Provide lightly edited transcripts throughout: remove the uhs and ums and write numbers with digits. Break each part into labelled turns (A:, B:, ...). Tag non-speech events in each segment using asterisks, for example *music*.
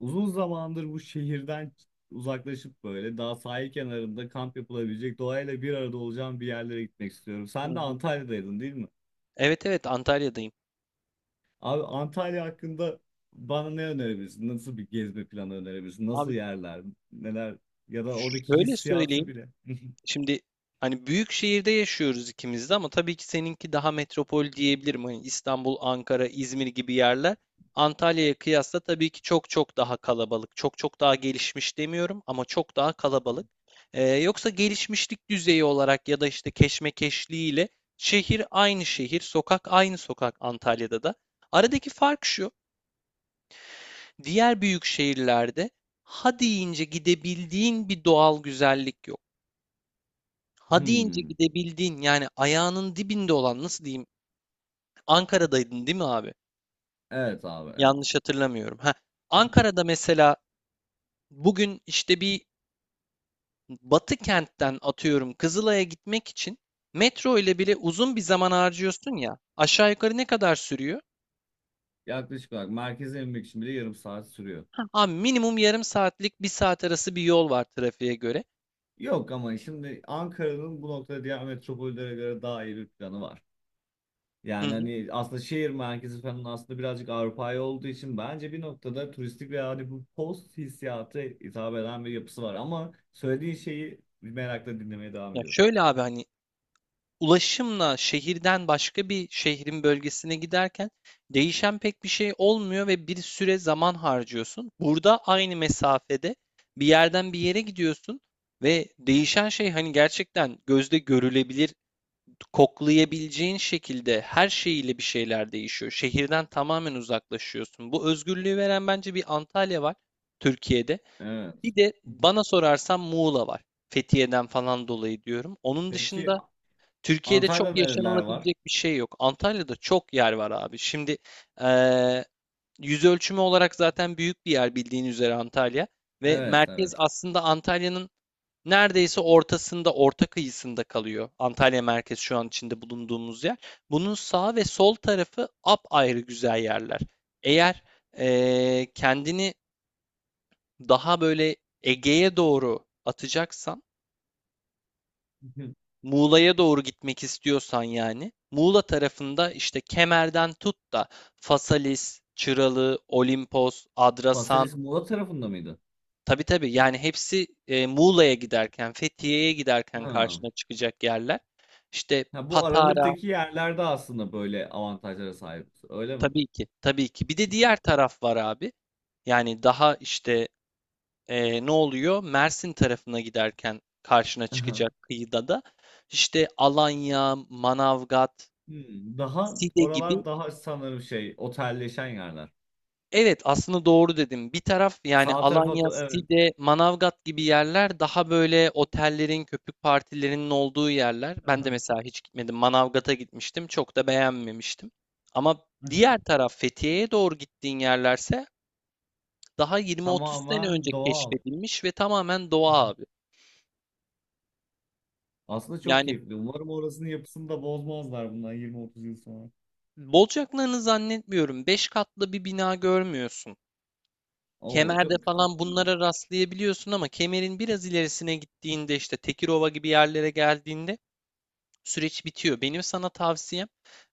A: Uzun zamandır bu şehirden uzaklaşıp böyle daha sahil kenarında kamp yapılabilecek doğayla bir arada olacağım bir yerlere gitmek istiyorum.
B: Hı
A: Sen de
B: hı.
A: Antalya'daydın değil mi?
B: Evet, evet, Antalya'dayım.
A: Abi Antalya hakkında bana ne önerebilirsin? Nasıl bir gezme planı önerebilirsin? Nasıl
B: Abi
A: yerler? Neler? Ya da oradaki
B: şöyle
A: hissiyatı
B: söyleyeyim.
A: bile.
B: Şimdi hani büyük şehirde yaşıyoruz ikimiz de ama tabii ki seninki daha metropol diyebilirim. Hani İstanbul, Ankara, İzmir gibi yerler Antalya'ya kıyasla tabii ki çok çok daha kalabalık. Çok çok daha gelişmiş demiyorum ama çok daha kalabalık. Yoksa gelişmişlik düzeyi olarak ya da işte keşmekeşliğiyle şehir aynı şehir, sokak aynı sokak Antalya'da da. Aradaki fark şu, diğer büyük şehirlerde ha deyince gidebildiğin bir doğal güzellik yok. Hadi ince
A: Hmm.
B: gidebildiğin yani ayağının dibinde olan nasıl diyeyim? Ankara'daydın değil mi abi?
A: Evet abi, evet.
B: Yanlış hatırlamıyorum. Ha, Ankara'da mesela bugün işte bir Batı kentten atıyorum Kızılay'a gitmek için metro ile bile uzun bir zaman harcıyorsun ya. Aşağı yukarı ne kadar sürüyor?
A: Yaklaşık olarak merkeze inmek için bile yarım saat sürüyor.
B: Abi minimum yarım saatlik bir saat arası bir yol var trafiğe göre.
A: Yok, ama şimdi Ankara'nın bu noktada diğer metropollere göre daha iyi bir planı var.
B: Hı
A: Yani
B: hı.
A: hani aslında şehir merkezi falan aslında birazcık Avrupa'ya olduğu için bence bir noktada turistik ve hani bu post hissiyatı hitap eden bir yapısı var. Ama söylediğin şeyi merakla dinlemeye devam
B: Ya
A: ediyorum.
B: şöyle abi hani ulaşımla şehirden başka bir şehrin bölgesine giderken değişen pek bir şey olmuyor ve bir süre zaman harcıyorsun. Burada aynı mesafede bir yerden bir yere gidiyorsun ve değişen şey hani gerçekten gözde görülebilir, koklayabileceğin şekilde her şeyiyle bir şeyler değişiyor. Şehirden tamamen uzaklaşıyorsun. Bu özgürlüğü veren bence bir Antalya var Türkiye'de.
A: Evet.
B: Bir de bana sorarsan Muğla var. Fethiye'den falan dolayı diyorum. Onun
A: Peki
B: dışında Türkiye'de çok
A: Antalya'da nereler var?
B: yaşanılabilecek bir şey yok. Antalya'da çok yer var abi. Şimdi eee, yüz ölçümü olarak zaten büyük bir yer bildiğin üzere Antalya ve
A: Evet,
B: merkez
A: evet.
B: aslında Antalya'nın neredeyse ortasında, orta kıyısında kalıyor. Antalya merkez şu an içinde bulunduğumuz yer. Bunun sağ ve sol tarafı apayrı güzel yerler. Eğer kendini daha böyle Ege'ye doğru atacaksan
A: *laughs*
B: Muğla'ya doğru gitmek istiyorsan yani Muğla tarafında işte Kemer'den tut da Fasalis, Çıralı, Olimpos, Adrasan.
A: Paselis Muğla tarafında mıydı?
B: Tabii, tabii, yani hepsi, Muğla'ya giderken Fethiye'ye giderken
A: Ha.
B: karşına çıkacak yerler. İşte
A: Ha, bu
B: Patara.
A: aralıktaki yerlerde aslında böyle avantajlara sahip, öyle mi?
B: Tabii ki, tabii ki, bir de diğer taraf var abi. Yani daha işte ne oluyor? Mersin tarafına giderken karşına
A: Aha.
B: çıkacak kıyıda da işte Alanya, Manavgat,
A: Hmm, daha
B: Side gibi.
A: oralar daha sanırım şey otelleşen yerler.
B: Evet, aslında doğru dedim. Bir taraf yani
A: Sağ tarafa
B: Alanya,
A: evet.
B: Side, Manavgat gibi yerler daha böyle otellerin, köpük partilerinin olduğu yerler. Ben de
A: *laughs*
B: mesela hiç gitmedim. Manavgat'a gitmiştim. Çok da beğenmemiştim. Ama diğer
A: *laughs*
B: taraf Fethiye'ye doğru gittiğin yerlerse daha 20-30 sene önce
A: Tamamen doğal.
B: keşfedilmiş ve tamamen
A: Hı hı.
B: doğa abi.
A: Aslında çok
B: Yani
A: keyifli. Umarım orasının yapısını da bozmazlar bundan 20-30 yıl sonra.
B: bolcaklarını zannetmiyorum. 5 katlı bir bina görmüyorsun.
A: Oo
B: Kemer'de
A: çok
B: falan
A: tatlı.
B: bunlara rastlayabiliyorsun ama kemerin biraz ilerisine gittiğinde işte Tekirova gibi yerlere geldiğinde süreç bitiyor. Benim sana tavsiyem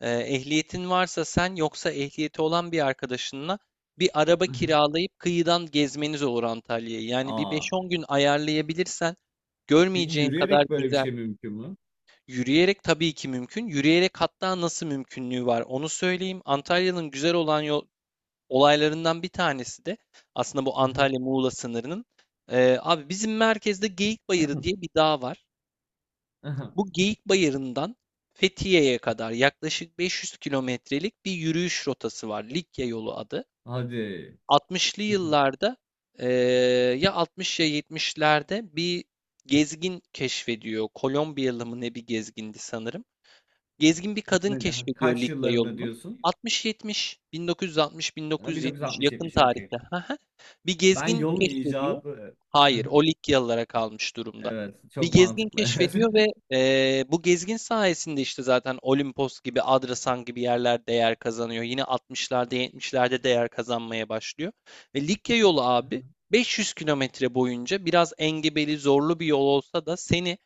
B: ehliyetin varsa sen yoksa ehliyeti olan bir arkadaşınla bir araba
A: *laughs*
B: kiralayıp kıyıdan gezmeniz olur Antalya'yı. Yani bir beş
A: Aa,
B: on gün ayarlayabilirsen
A: peki
B: görmeyeceğin kadar
A: yürüyerek böyle bir
B: güzel.
A: şey mümkün mü?
B: Yürüyerek tabii ki mümkün. Yürüyerek hatta nasıl mümkünlüğü var onu söyleyeyim. Antalya'nın güzel olan yol, olaylarından bir tanesi de aslında bu
A: Hı hı.
B: Antalya-Muğla sınırının, abi bizim merkezde Geyik Bayırı diye bir dağ var.
A: Aha.
B: Bu Geyik Bayırı'ndan Fethiye'ye kadar yaklaşık 500 kilometrelik bir yürüyüş rotası var. Likya yolu adı.
A: Hadi.
B: 60'lı
A: Hı hı.
B: yıllarda e, ya 60 ya 70'lerde bir gezgin keşfediyor. Kolombiyalı mı ne bir gezgindi sanırım. Gezgin bir kadın keşfediyor
A: Kaç
B: Likya
A: yıllarında
B: yolunu.
A: diyorsun?
B: 60-70,
A: Ha,
B: 1960-1970 yakın
A: 1960-70, okey.
B: tarihte *laughs* bir
A: Ben
B: gezgin
A: yolun
B: keşfediyor.
A: icadı. Hı
B: Hayır,
A: hı.
B: o Likyalılara kalmış durumda.
A: Evet,
B: Bir
A: çok
B: gezgin
A: mantıklı.
B: keşfediyor ve
A: *laughs*
B: bu gezgin sayesinde işte zaten Olimpos gibi, Adrasan gibi yerler değer kazanıyor. Yine 60'larda, 70'lerde değer kazanmaya başlıyor. Ve Likya yolu abi 500 kilometre boyunca biraz engebeli, zorlu bir yol olsa da seni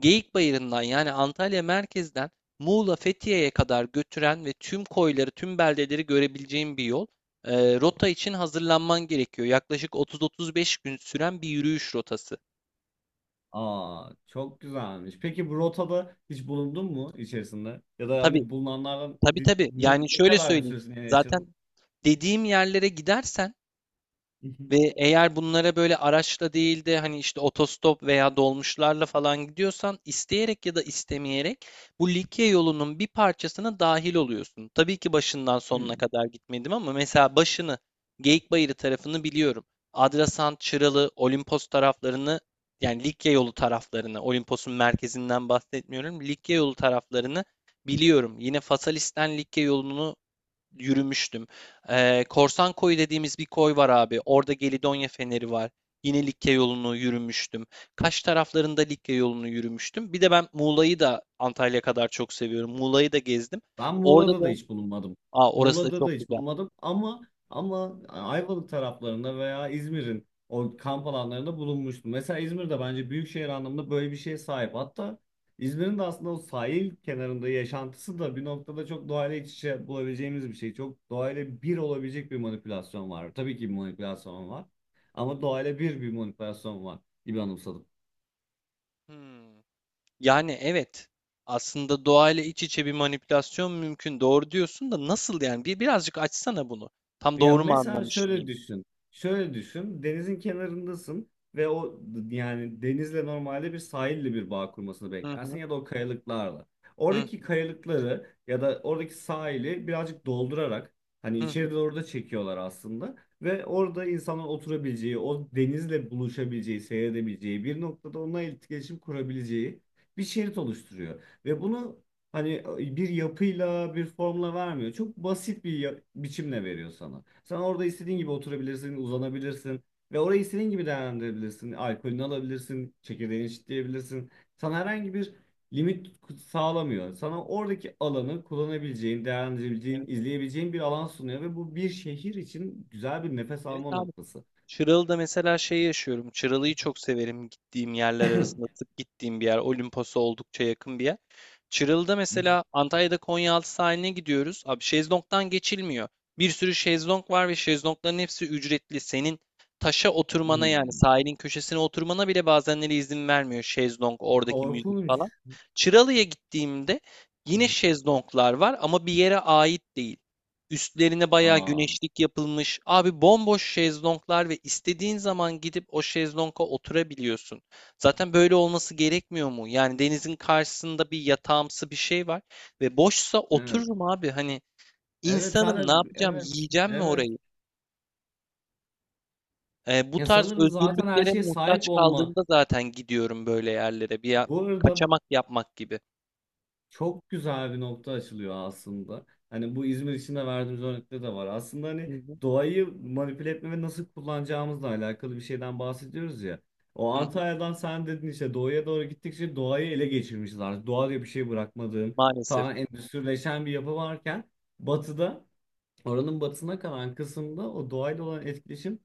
B: Geyikbayırı'ndan yani Antalya merkezden Muğla Fethiye'ye kadar götüren ve tüm koyları, tüm beldeleri görebileceğin bir yol. Rota için hazırlanman gerekiyor. Yaklaşık 30-35 gün süren bir yürüyüş rotası.
A: Aa, çok güzelmiş. Peki bu rotada hiç bulundun mu içerisinde? Ya da
B: Tabii,
A: hani bulunanlardan
B: tabii, tabii. Yani
A: ne
B: şöyle
A: kadar bir
B: söyleyeyim.
A: süresini
B: Zaten
A: yaşadın?
B: dediğim yerlere gidersen
A: *laughs*
B: ve eğer bunlara böyle araçla değil de hani işte otostop veya dolmuşlarla falan gidiyorsan isteyerek ya da istemeyerek bu Likya yolunun bir parçasına dahil oluyorsun. Tabii ki başından
A: Hı.
B: sonuna kadar gitmedim ama mesela başını Geyikbayırı tarafını biliyorum. Adrasan, Çıralı, Olimpos taraflarını yani Likya yolu taraflarını, Olimpos'un merkezinden bahsetmiyorum. Likya yolu taraflarını biliyorum. Yine Fasalis'ten Likya yolunu yürümüştüm. Korsan Koyu dediğimiz bir koy var abi. Orada Gelidonya Feneri var. Yine Likya yolunu yürümüştüm. Kaş taraflarında Likya yolunu yürümüştüm. Bir de ben Muğla'yı da Antalya kadar çok seviyorum. Muğla'yı da gezdim.
A: Ben
B: Orada
A: Muğla'da
B: da,
A: da hiç bulunmadım.
B: aa, orası da
A: Muğla'da da
B: çok
A: hiç
B: güzel.
A: bulunmadım, ama Ayvalık taraflarında veya İzmir'in o kamp alanlarında bulunmuştum. Mesela İzmir'de bence büyükşehir anlamında böyle bir şeye sahip. Hatta İzmir'in de aslında o sahil kenarında yaşantısı da bir noktada çok doğayla iç içe bulabileceğimiz bir şey. Çok doğayla bir olabilecek bir manipülasyon var. Tabii ki bir manipülasyon var. Ama doğayla bir manipülasyon var gibi anımsadım.
B: Hmm. Yani evet. Aslında doğayla iç içe bir manipülasyon mümkün. Doğru diyorsun da nasıl yani? Bir birazcık açsana bunu. Tam
A: Ya
B: doğru mu
A: mesela
B: anlamış
A: şöyle
B: mıyım?
A: düşün. Şöyle düşün. Denizin kenarındasın ve yani denizle normalde bir sahille bir bağ kurmasını
B: Hı
A: beklersin
B: hı.
A: ya da o kayalıklarla.
B: Hı
A: Oradaki kayalıkları ya da oradaki sahili birazcık doldurarak hani
B: hı. Hı.
A: içeri doğru da çekiyorlar aslında ve orada insanlar oturabileceği, o denizle buluşabileceği, seyredebileceği, bir noktada onunla iletişim kurabileceği bir şerit oluşturuyor. Ve bunu Hani bir yapıyla bir formla vermiyor. Çok basit bir biçimle veriyor sana. Sen orada istediğin gibi oturabilirsin, uzanabilirsin ve orayı istediğin gibi değerlendirebilirsin. Alkolünü alabilirsin, çekirdeğini çitleyebilirsin. Sana herhangi bir limit sağlamıyor. Sana oradaki alanı kullanabileceğin, değerlendirebileceğin,
B: Evet, evet.
A: izleyebileceğin bir alan sunuyor ve bu bir şehir için güzel bir nefes
B: Evet
A: alma
B: abi.
A: noktası.
B: Çıralı'da mesela şey yaşıyorum. Çıralı'yı çok severim gittiğim yerler arasında.
A: *laughs*
B: Sık gittiğim bir yer. Olimpos'a oldukça yakın bir yer. Çıralı'da mesela Antalya'da Konyaaltı sahiline gidiyoruz. Abi şezlongdan geçilmiyor. Bir sürü şezlong var ve şezlongların hepsi ücretli. Senin taşa oturmana yani
A: Hmm.
B: sahilin köşesine oturmana bile bazenleri izin vermiyor şezlong, oradaki müzik
A: Korkunç.
B: falan. Çıralı'ya gittiğimde yine şezlonglar var ama bir yere ait değil. Üstlerine bayağı
A: Aa,
B: güneşlik yapılmış. Abi bomboş şezlonglar ve istediğin zaman gidip o şezlonga oturabiliyorsun. Zaten böyle olması gerekmiyor mu? Yani denizin karşısında bir yatağımsı bir şey var ve boşsa
A: evet.
B: otururum abi. Hani
A: Evet
B: insanım ne
A: zaten,
B: yapacağım?
A: evet.
B: Yiyeceğim mi
A: Evet.
B: orayı? Bu
A: Ya
B: tarz
A: sanırım zaten her
B: özgürlüklere
A: şeye
B: muhtaç
A: sahip olma.
B: kaldığımda zaten gidiyorum böyle yerlere. Bir
A: Bu arada
B: kaçamak yapmak gibi.
A: çok güzel bir nokta açılıyor aslında. Hani bu İzmir için de verdiğimiz örnekte de var. Aslında
B: Hı
A: hani
B: hı.
A: doğayı manipüle etme ve nasıl kullanacağımızla alakalı bir şeyden bahsediyoruz ya. O
B: Hı hı.
A: Antalya'dan sen dedin işte, doğuya doğru gittikçe doğayı ele geçirmişiz artık. Doğa diye bir şey bırakmadığın,
B: Maalesef.
A: tamamen endüstrileşen bir yapı varken batıda, oranın batısına kalan kısımda o doğayla olan etkileşim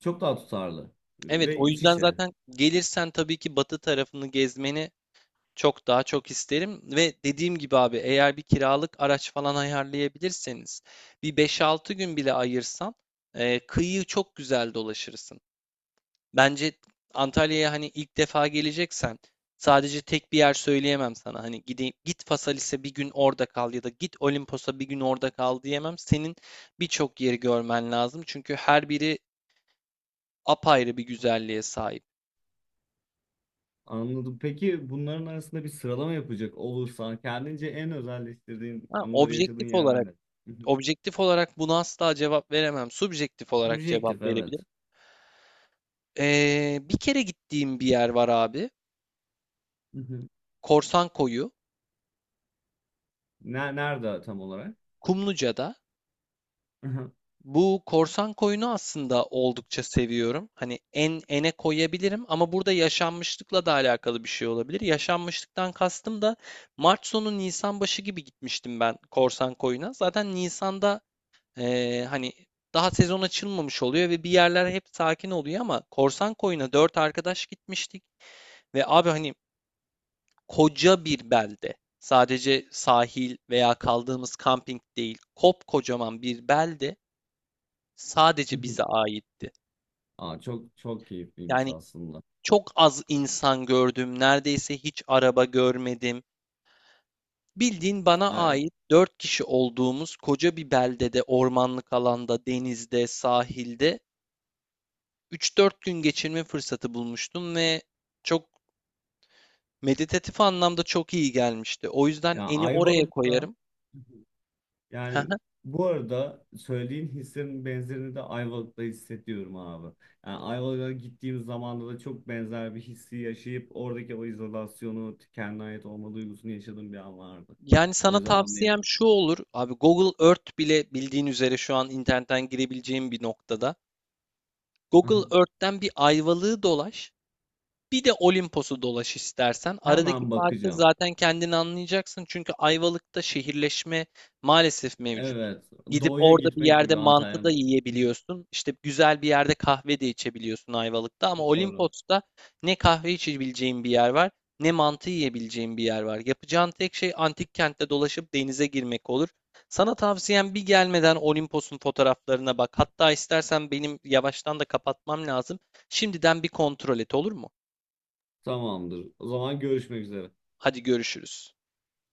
A: çok daha tutarlı
B: Evet,
A: ve
B: o
A: iç
B: yüzden
A: içe.
B: zaten gelirsen tabii ki batı tarafını gezmeni çok daha çok isterim ve dediğim gibi abi eğer bir kiralık araç falan ayarlayabilirseniz bir beş altı gün bile ayırsan, kıyı çok güzel dolaşırsın. Bence Antalya'ya hani ilk defa geleceksen sadece tek bir yer söyleyemem sana. Hani gideyim, git Phaselis'e bir gün orada kal ya da git Olimpos'a bir gün orada kal diyemem. Senin birçok yeri görmen lazım çünkü her biri apayrı bir güzelliğe sahip.
A: Anladım. Peki bunların arasında bir sıralama yapacak olursan kendince en özelleştirdiğin
B: Ha,
A: anıları yaşadığın
B: objektif
A: yerler
B: olarak.
A: ne? Hı hı.
B: Objektif olarak buna asla cevap veremem. Subjektif olarak
A: Subjektif,
B: cevap
A: evet.
B: verebilirim. Bir kere gittiğim bir yer var abi.
A: Hı hı.
B: Korsan Koyu,
A: Ne, nerede tam olarak?
B: Kumluca'da.
A: Hı hı.
B: Bu Korsan Koyu'nu aslında oldukça seviyorum. Hani en ene koyabilirim ama burada yaşanmışlıkla da alakalı bir şey olabilir. Yaşanmışlıktan kastım da Mart sonu Nisan başı gibi gitmiştim ben Korsan Koyu'na. Zaten Nisan'da hani daha sezon açılmamış oluyor ve bir yerler hep sakin oluyor ama Korsan Koyu'na dört arkadaş gitmiştik. Ve abi hani koca bir belde. Sadece sahil veya kaldığımız kamping değil. Kopkocaman bir belde
A: Hı
B: sadece
A: hı.
B: bize aitti.
A: Aa, çok çok keyifliymiş
B: Yani
A: aslında.
B: çok az insan gördüm. Neredeyse hiç araba görmedim. Bildiğin bana
A: Ay,
B: ait dört kişi olduğumuz koca bir beldede, ormanlık alanda, denizde, sahilde üç dört gün geçirme fırsatı bulmuştum ve çok meditatif anlamda çok iyi gelmişti. O yüzden
A: ya
B: eni oraya
A: Ayvalık'ta.
B: koyarım.
A: Yani
B: *laughs*
A: bu arada söylediğin hislerin benzerini de Ayvalık'ta hissediyorum abi. Yani Ayvalık'a gittiğim zamanda da çok benzer bir hissi yaşayıp oradaki o izolasyonu, kendine ait olma duygusunu yaşadığım bir an vardı.
B: Yani
A: O
B: sana
A: yüzden
B: tavsiyem
A: anlayamadım.
B: şu olur. Abi Google Earth bile bildiğin üzere şu an internetten girebileceğin bir noktada. Google
A: *laughs*
B: Earth'ten bir ayvalığı dolaş. Bir de Olimpos'u dolaş istersen. Aradaki
A: Hemen
B: farkı
A: bakacağım.
B: zaten kendin anlayacaksın. Çünkü Ayvalık'ta şehirleşme maalesef mevcut.
A: Evet,
B: Gidip
A: doğuya
B: orada bir
A: gitmek
B: yerde
A: gibi
B: mantı
A: Antalya.
B: da
A: *laughs*
B: yiyebiliyorsun. İşte güzel bir yerde kahve de içebiliyorsun Ayvalık'ta. Ama
A: Doğru.
B: Olimpos'ta ne kahve içebileceğin bir yer var, ne mantı yiyebileceğin bir yer var. Yapacağın tek şey antik kentte dolaşıp denize girmek olur. Sana tavsiyem bir gelmeden Olimpos'un fotoğraflarına bak. Hatta istersen benim yavaştan da kapatmam lazım. Şimdiden bir kontrol et olur mu?
A: Tamamdır. O zaman görüşmek üzere.
B: Hadi görüşürüz.